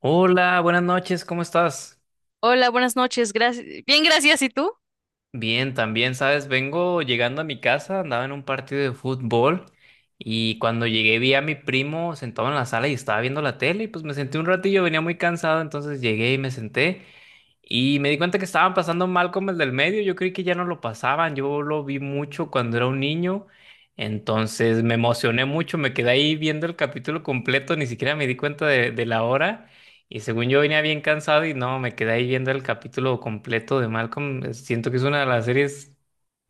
Hola, buenas noches, ¿cómo estás? Hola, buenas noches. Gracias. Bien, gracias. ¿Y tú? Bien, también, sabes, vengo llegando a mi casa, andaba en un partido de fútbol y cuando llegué vi a mi primo sentado en la sala y estaba viendo la tele y pues me senté un ratillo, venía muy cansado, entonces llegué y me senté y me di cuenta que estaban pasando Mal como el del medio, yo creí que ya no lo pasaban, yo lo vi mucho cuando era un niño, entonces me emocioné mucho, me quedé ahí viendo el capítulo completo, ni siquiera me di cuenta de la hora. Y según yo venía bien cansado y no, me quedé ahí viendo el capítulo completo de Malcolm. Siento que es una de las series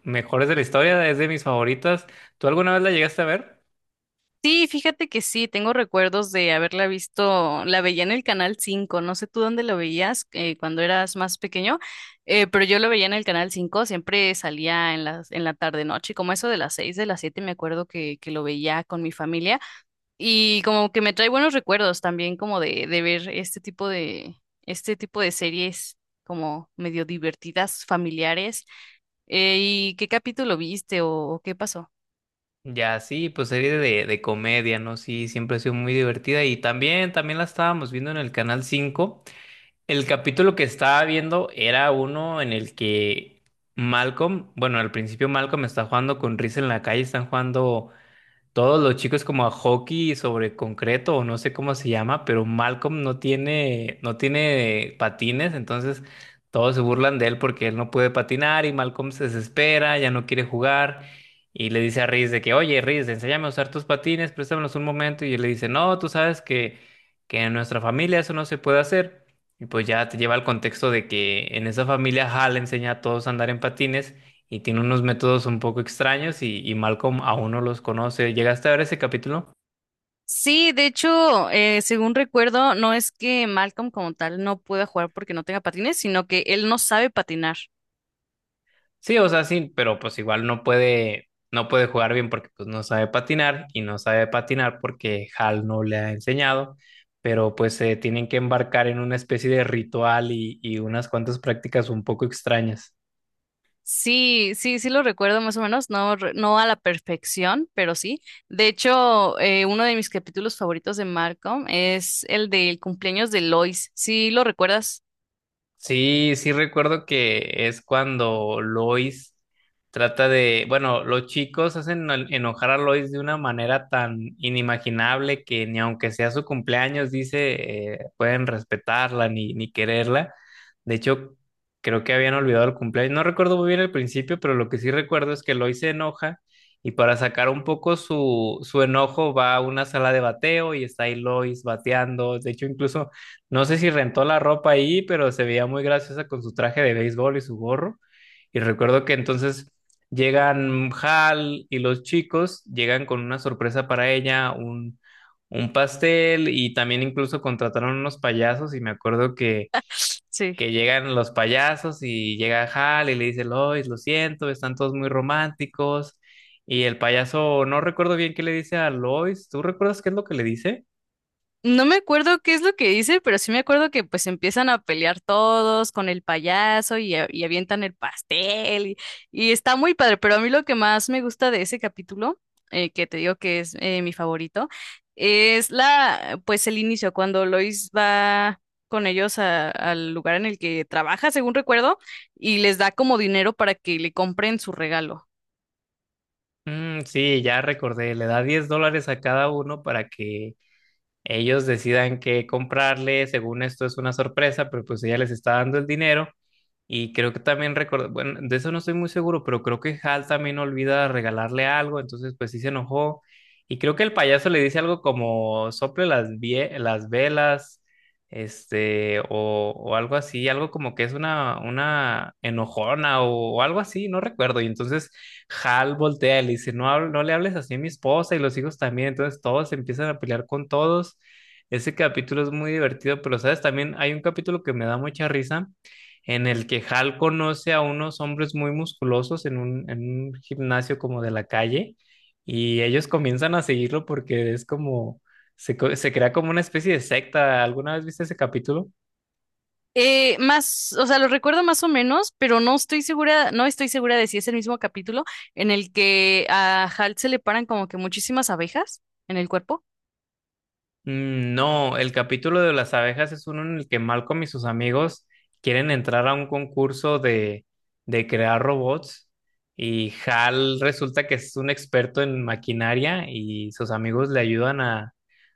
mejores de la historia, es de mis favoritas. ¿Tú alguna vez la llegaste a ver? Sí, fíjate que sí, tengo recuerdos de haberla visto, la veía en el Canal 5. No sé tú dónde lo veías cuando eras más pequeño, pero yo lo veía en el Canal 5. Siempre salía en la tarde noche, como eso de las 6, de las 7. Me acuerdo que lo veía con mi familia y como que me trae buenos recuerdos también como de ver este tipo de series como medio divertidas, familiares. ¿Y qué capítulo viste o qué pasó? Ya, sí, pues serie de comedia, ¿no? Sí, siempre ha sido muy divertida y también, también la estábamos viendo en el Canal 5. El capítulo que estaba viendo era uno en el que Malcolm, bueno, al principio Malcolm está jugando con Riz en la calle, están jugando todos los chicos como a hockey sobre concreto o no sé cómo se llama, pero Malcolm no tiene patines, entonces todos se burlan de él porque él no puede patinar y Malcolm se desespera, ya no quiere jugar y le dice a Riz de que, oye, Riz, enséñame a usar tus patines, préstamelos un momento y él le dice, no, tú sabes que en nuestra familia eso no se puede hacer. Y pues ya te lleva al contexto de que en esa familia Hal enseña a todos a andar en patines y tiene unos métodos un poco extraños y Malcolm aún no los conoce. ¿Llegaste a ver ese capítulo? Sí, de hecho, según recuerdo, no es que Malcolm como tal no pueda jugar porque no tenga patines, sino que él no sabe patinar. Sí, o sea, sí, pero pues igual no puede jugar bien porque pues no sabe patinar y no sabe patinar porque Hal no le ha enseñado, pero pues se tienen que embarcar en una especie de ritual y unas cuantas prácticas un poco extrañas. Sí, sí, sí lo recuerdo más o menos, no, no a la perfección, pero sí. De hecho, uno de mis capítulos favoritos de Malcolm es el del cumpleaños de Lois. ¿Sí lo recuerdas? Sí, sí recuerdo que es cuando Lois trata de, bueno, los chicos hacen enojar a Lois de una manera tan inimaginable que ni aunque sea su cumpleaños, dice, pueden respetarla ni quererla. De hecho, creo que habían olvidado el cumpleaños. No recuerdo muy bien el principio, pero lo que sí recuerdo es que Lois se enoja y para sacar un poco su enojo va a una sala de bateo y está ahí Lois bateando. De hecho, incluso. No sé si rentó la ropa ahí, pero se veía muy graciosa con su traje de béisbol y su gorro. Y recuerdo que entonces llegan Hal y los chicos, llegan con una sorpresa para ella, un pastel y también incluso contrataron unos payasos y me acuerdo que, Sí. que llegan los payasos y llega Hal y le dice, Lois, lo siento, están todos muy románticos. Y el payaso, no recuerdo bien qué le dice a Lois, ¿tú recuerdas qué es lo que le dice? No me acuerdo qué es lo que dice, pero sí me acuerdo que pues empiezan a pelear todos con el payaso y, y avientan el pastel y está muy padre, pero a mí lo que más me gusta de ese capítulo, que te digo que es mi favorito, es la pues el inicio, cuando Lois va con ellos al lugar en el que trabaja, según recuerdo, y les da como dinero para que le compren su regalo. Mm, sí, ya recordé, le da $10 a cada uno para que ellos decidan qué comprarle. Según esto es una sorpresa, pero pues ella les está dando el dinero. Y creo que también recordé, bueno, de eso no estoy muy seguro, pero creo que Hal también olvida regalarle algo, entonces pues sí se enojó. Y creo que el payaso le dice algo como sople las, las velas, este, o algo así, algo como que es una enojona o algo así, no recuerdo. Y entonces Hal voltea y le dice, no, no le hables así a mi esposa y los hijos también. Entonces todos se empiezan a pelear con todos. Ese capítulo es muy divertido, pero sabes, también hay un capítulo que me da mucha risa en el que Hal conoce a unos hombres muy musculosos en un gimnasio como de la calle y ellos comienzan a seguirlo porque es como, se crea como una especie de secta. ¿Alguna vez viste ese capítulo? Más, o sea, lo recuerdo más o menos, pero no estoy segura, no estoy segura de si es el mismo capítulo en el que a Halt se le paran como que muchísimas abejas en el cuerpo. Mm, no, el capítulo de las abejas es uno en el que Malcolm y sus amigos quieren entrar a un concurso de crear robots y Hal resulta que es un experto en maquinaria y sus amigos le ayudan a,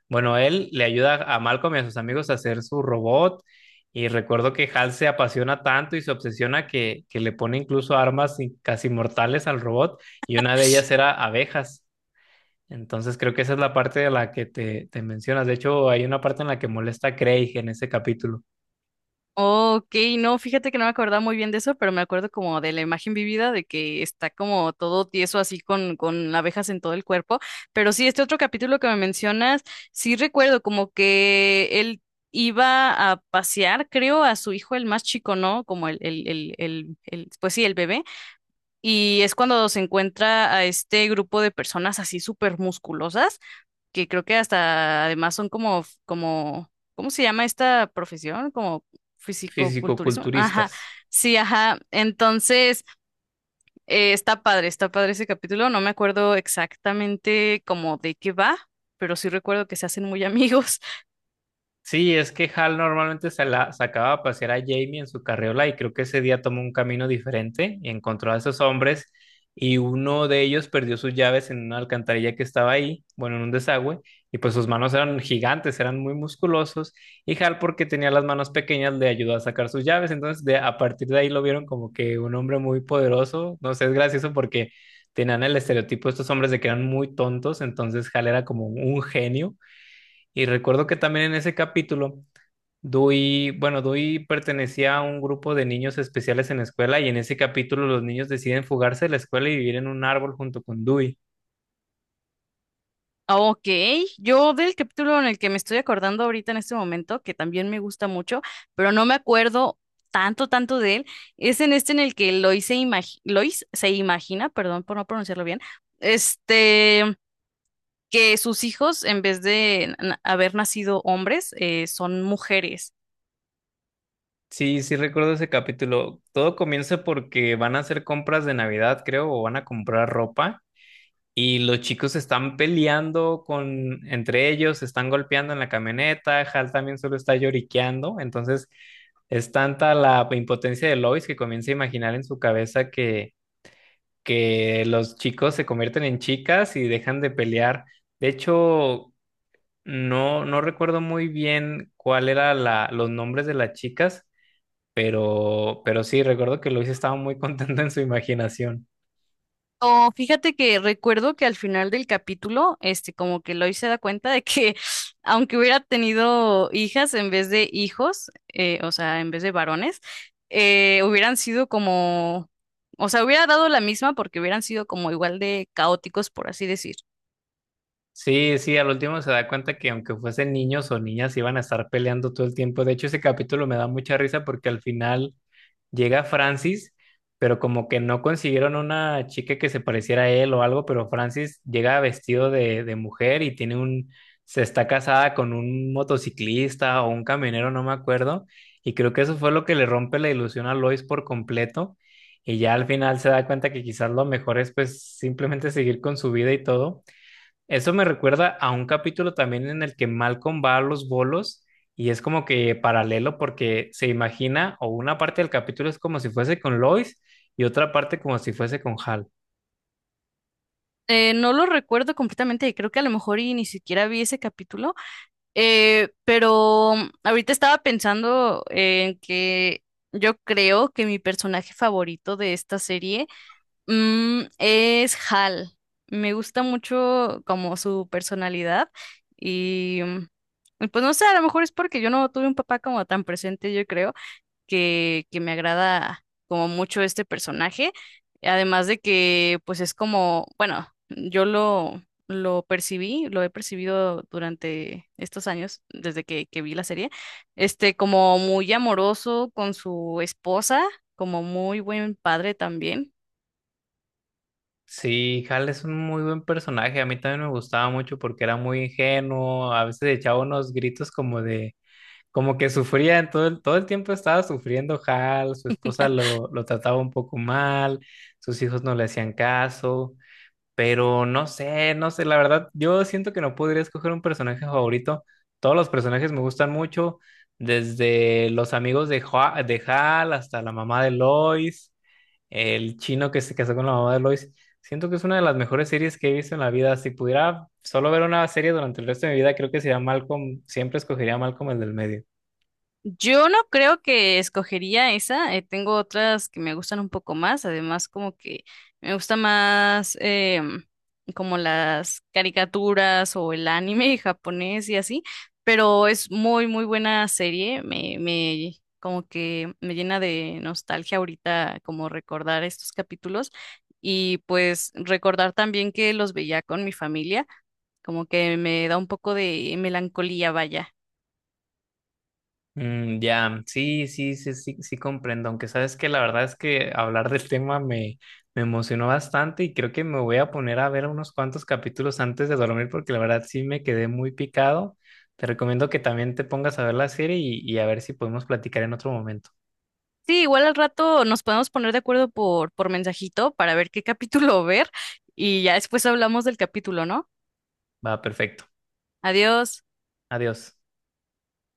bueno, él le ayuda a Malcolm y a sus amigos a hacer su robot y recuerdo que Hal se apasiona tanto y se obsesiona que le pone incluso armas casi mortales al robot y una de ellas era abejas. Entonces creo que esa es la parte de la que te mencionas. De hecho, hay una parte en la que molesta a Craig en ese capítulo, Ok, no, fíjate que no me acordaba muy bien de eso, pero me acuerdo como de la imagen vivida de que está como todo tieso así con abejas en todo el cuerpo. Pero sí, este otro capítulo que me mencionas, sí recuerdo como que él iba a pasear, creo, a su hijo el más chico, ¿no? Como pues sí, el bebé. Y es cuando se encuentra a este grupo de personas así súper musculosas, que creo que hasta además son como, ¿cómo se llama esta profesión? Como fisicoculturismo. Ajá, fisicoculturistas. sí, ajá. Entonces, está padre ese capítulo. No me acuerdo exactamente como de qué va, pero sí recuerdo que se hacen muy amigos. Sí, es que Hal normalmente se la sacaba a pasear a Jamie en su carriola y creo que ese día tomó un camino diferente y encontró a esos hombres y uno de ellos perdió sus llaves en una alcantarilla que estaba ahí, bueno, en un desagüe, y pues sus manos eran gigantes, eran muy musculosos y Hal porque tenía las manos pequeñas le ayudó a sacar sus llaves, entonces a partir de ahí lo vieron como que un hombre muy poderoso, no sé, es gracioso porque tenían el estereotipo de estos hombres de que eran muy tontos, entonces Hal era como un genio. Y recuerdo que también en ese capítulo Dewey, bueno, Dewey pertenecía a un grupo de niños especiales en la escuela y en ese capítulo los niños deciden fugarse de la escuela y vivir en un árbol junto con Dewey. Ok, yo del capítulo en el que me estoy acordando ahorita en este momento, que también me gusta mucho, pero no me acuerdo tanto, tanto de él, es en este en el que Lois se imagina, perdón por no pronunciarlo bien, este, que sus hijos, en vez de haber nacido hombres, son mujeres. Sí, sí recuerdo ese capítulo. Todo comienza porque van a hacer compras de Navidad, creo, o van a comprar ropa y los chicos están peleando con entre ellos, se están golpeando en la camioneta, Hal también solo está lloriqueando, entonces es tanta la impotencia de Lois que comienza a imaginar en su cabeza que los chicos se convierten en chicas y dejan de pelear. De hecho, no recuerdo muy bien cuál era la, los nombres de las chicas, pero sí, recuerdo que Luis estaba muy contento en su imaginación. No, fíjate que recuerdo que al final del capítulo, este, como que Lois se da cuenta de que aunque hubiera tenido hijas en vez de hijos, o sea, en vez de varones, hubieran sido como, o sea, hubiera dado la misma porque hubieran sido como igual de caóticos, por así decir. Sí, sí, al último se da cuenta que aunque fuesen niños o niñas, iban a estar peleando todo el tiempo. De hecho, ese capítulo me da mucha risa porque al final llega Francis, pero como que no consiguieron una chica que se pareciera a él o algo, pero Francis llega vestido de mujer y tiene un, se está casada con un motociclista o un camionero, no me acuerdo, y creo que eso fue lo que le rompe la ilusión a Lois por completo, y ya al final se da cuenta que quizás lo mejor es pues simplemente seguir con su vida y todo eso me recuerda a un capítulo también en el que Malcolm va a los bolos y es como que paralelo porque se imagina o una parte del capítulo es como si fuese con Lois y otra parte como si fuese con Hal. No lo recuerdo completamente y creo que a lo mejor y ni siquiera vi ese capítulo, pero ahorita estaba pensando en que yo creo que mi personaje favorito de esta serie Mm, es Hal. Me gusta mucho como su personalidad y mm, y pues no sé, a lo mejor es porque yo no tuve un papá como tan presente, yo creo, que me agrada como mucho este personaje. Además de que pues es como, bueno, lo percibí, lo he percibido durante estos años, desde que vi la serie, este como muy amoroso con su esposa, como muy buen padre también. Sí, Hal es un muy buen personaje, a mí también me gustaba mucho porque era muy ingenuo, a veces echaba unos gritos como de, como que sufría, en todo el tiempo estaba sufriendo Hal, su esposa lo trataba un poco mal, sus hijos no le hacían caso. Pero no sé, la verdad, yo siento que no podría escoger un personaje favorito. Todos los personajes me gustan mucho, desde los amigos de Hal hasta la mamá de Lois, el chino que se casó con la mamá de Lois. Siento que es una de las mejores series que he visto en la vida. Si pudiera solo ver una serie durante el resto de mi vida, creo que sería Malcolm, siempre escogería a Malcolm el del medio. Yo no creo que escogería esa, tengo otras que me gustan un poco más, además como que me gusta más em, como las caricaturas o el anime japonés y así, pero es muy muy buena serie, me como que me llena de nostalgia ahorita como recordar estos capítulos y pues recordar también que los veía con mi familia, como que me da un poco de melancolía, vaya. Mm, ya, sí, sí, sí, sí, sí comprendo, aunque sabes que la verdad es que hablar del tema me, me emocionó bastante y creo que me voy a poner a ver unos cuantos capítulos antes de dormir porque la verdad sí me quedé muy picado. Te recomiendo que también te pongas a ver la serie y a ver si podemos platicar en otro momento. Sí, igual al rato nos podemos poner de acuerdo por mensajito para ver qué capítulo ver y ya después hablamos del capítulo, ¿no? Va, perfecto. Adiós. Adiós.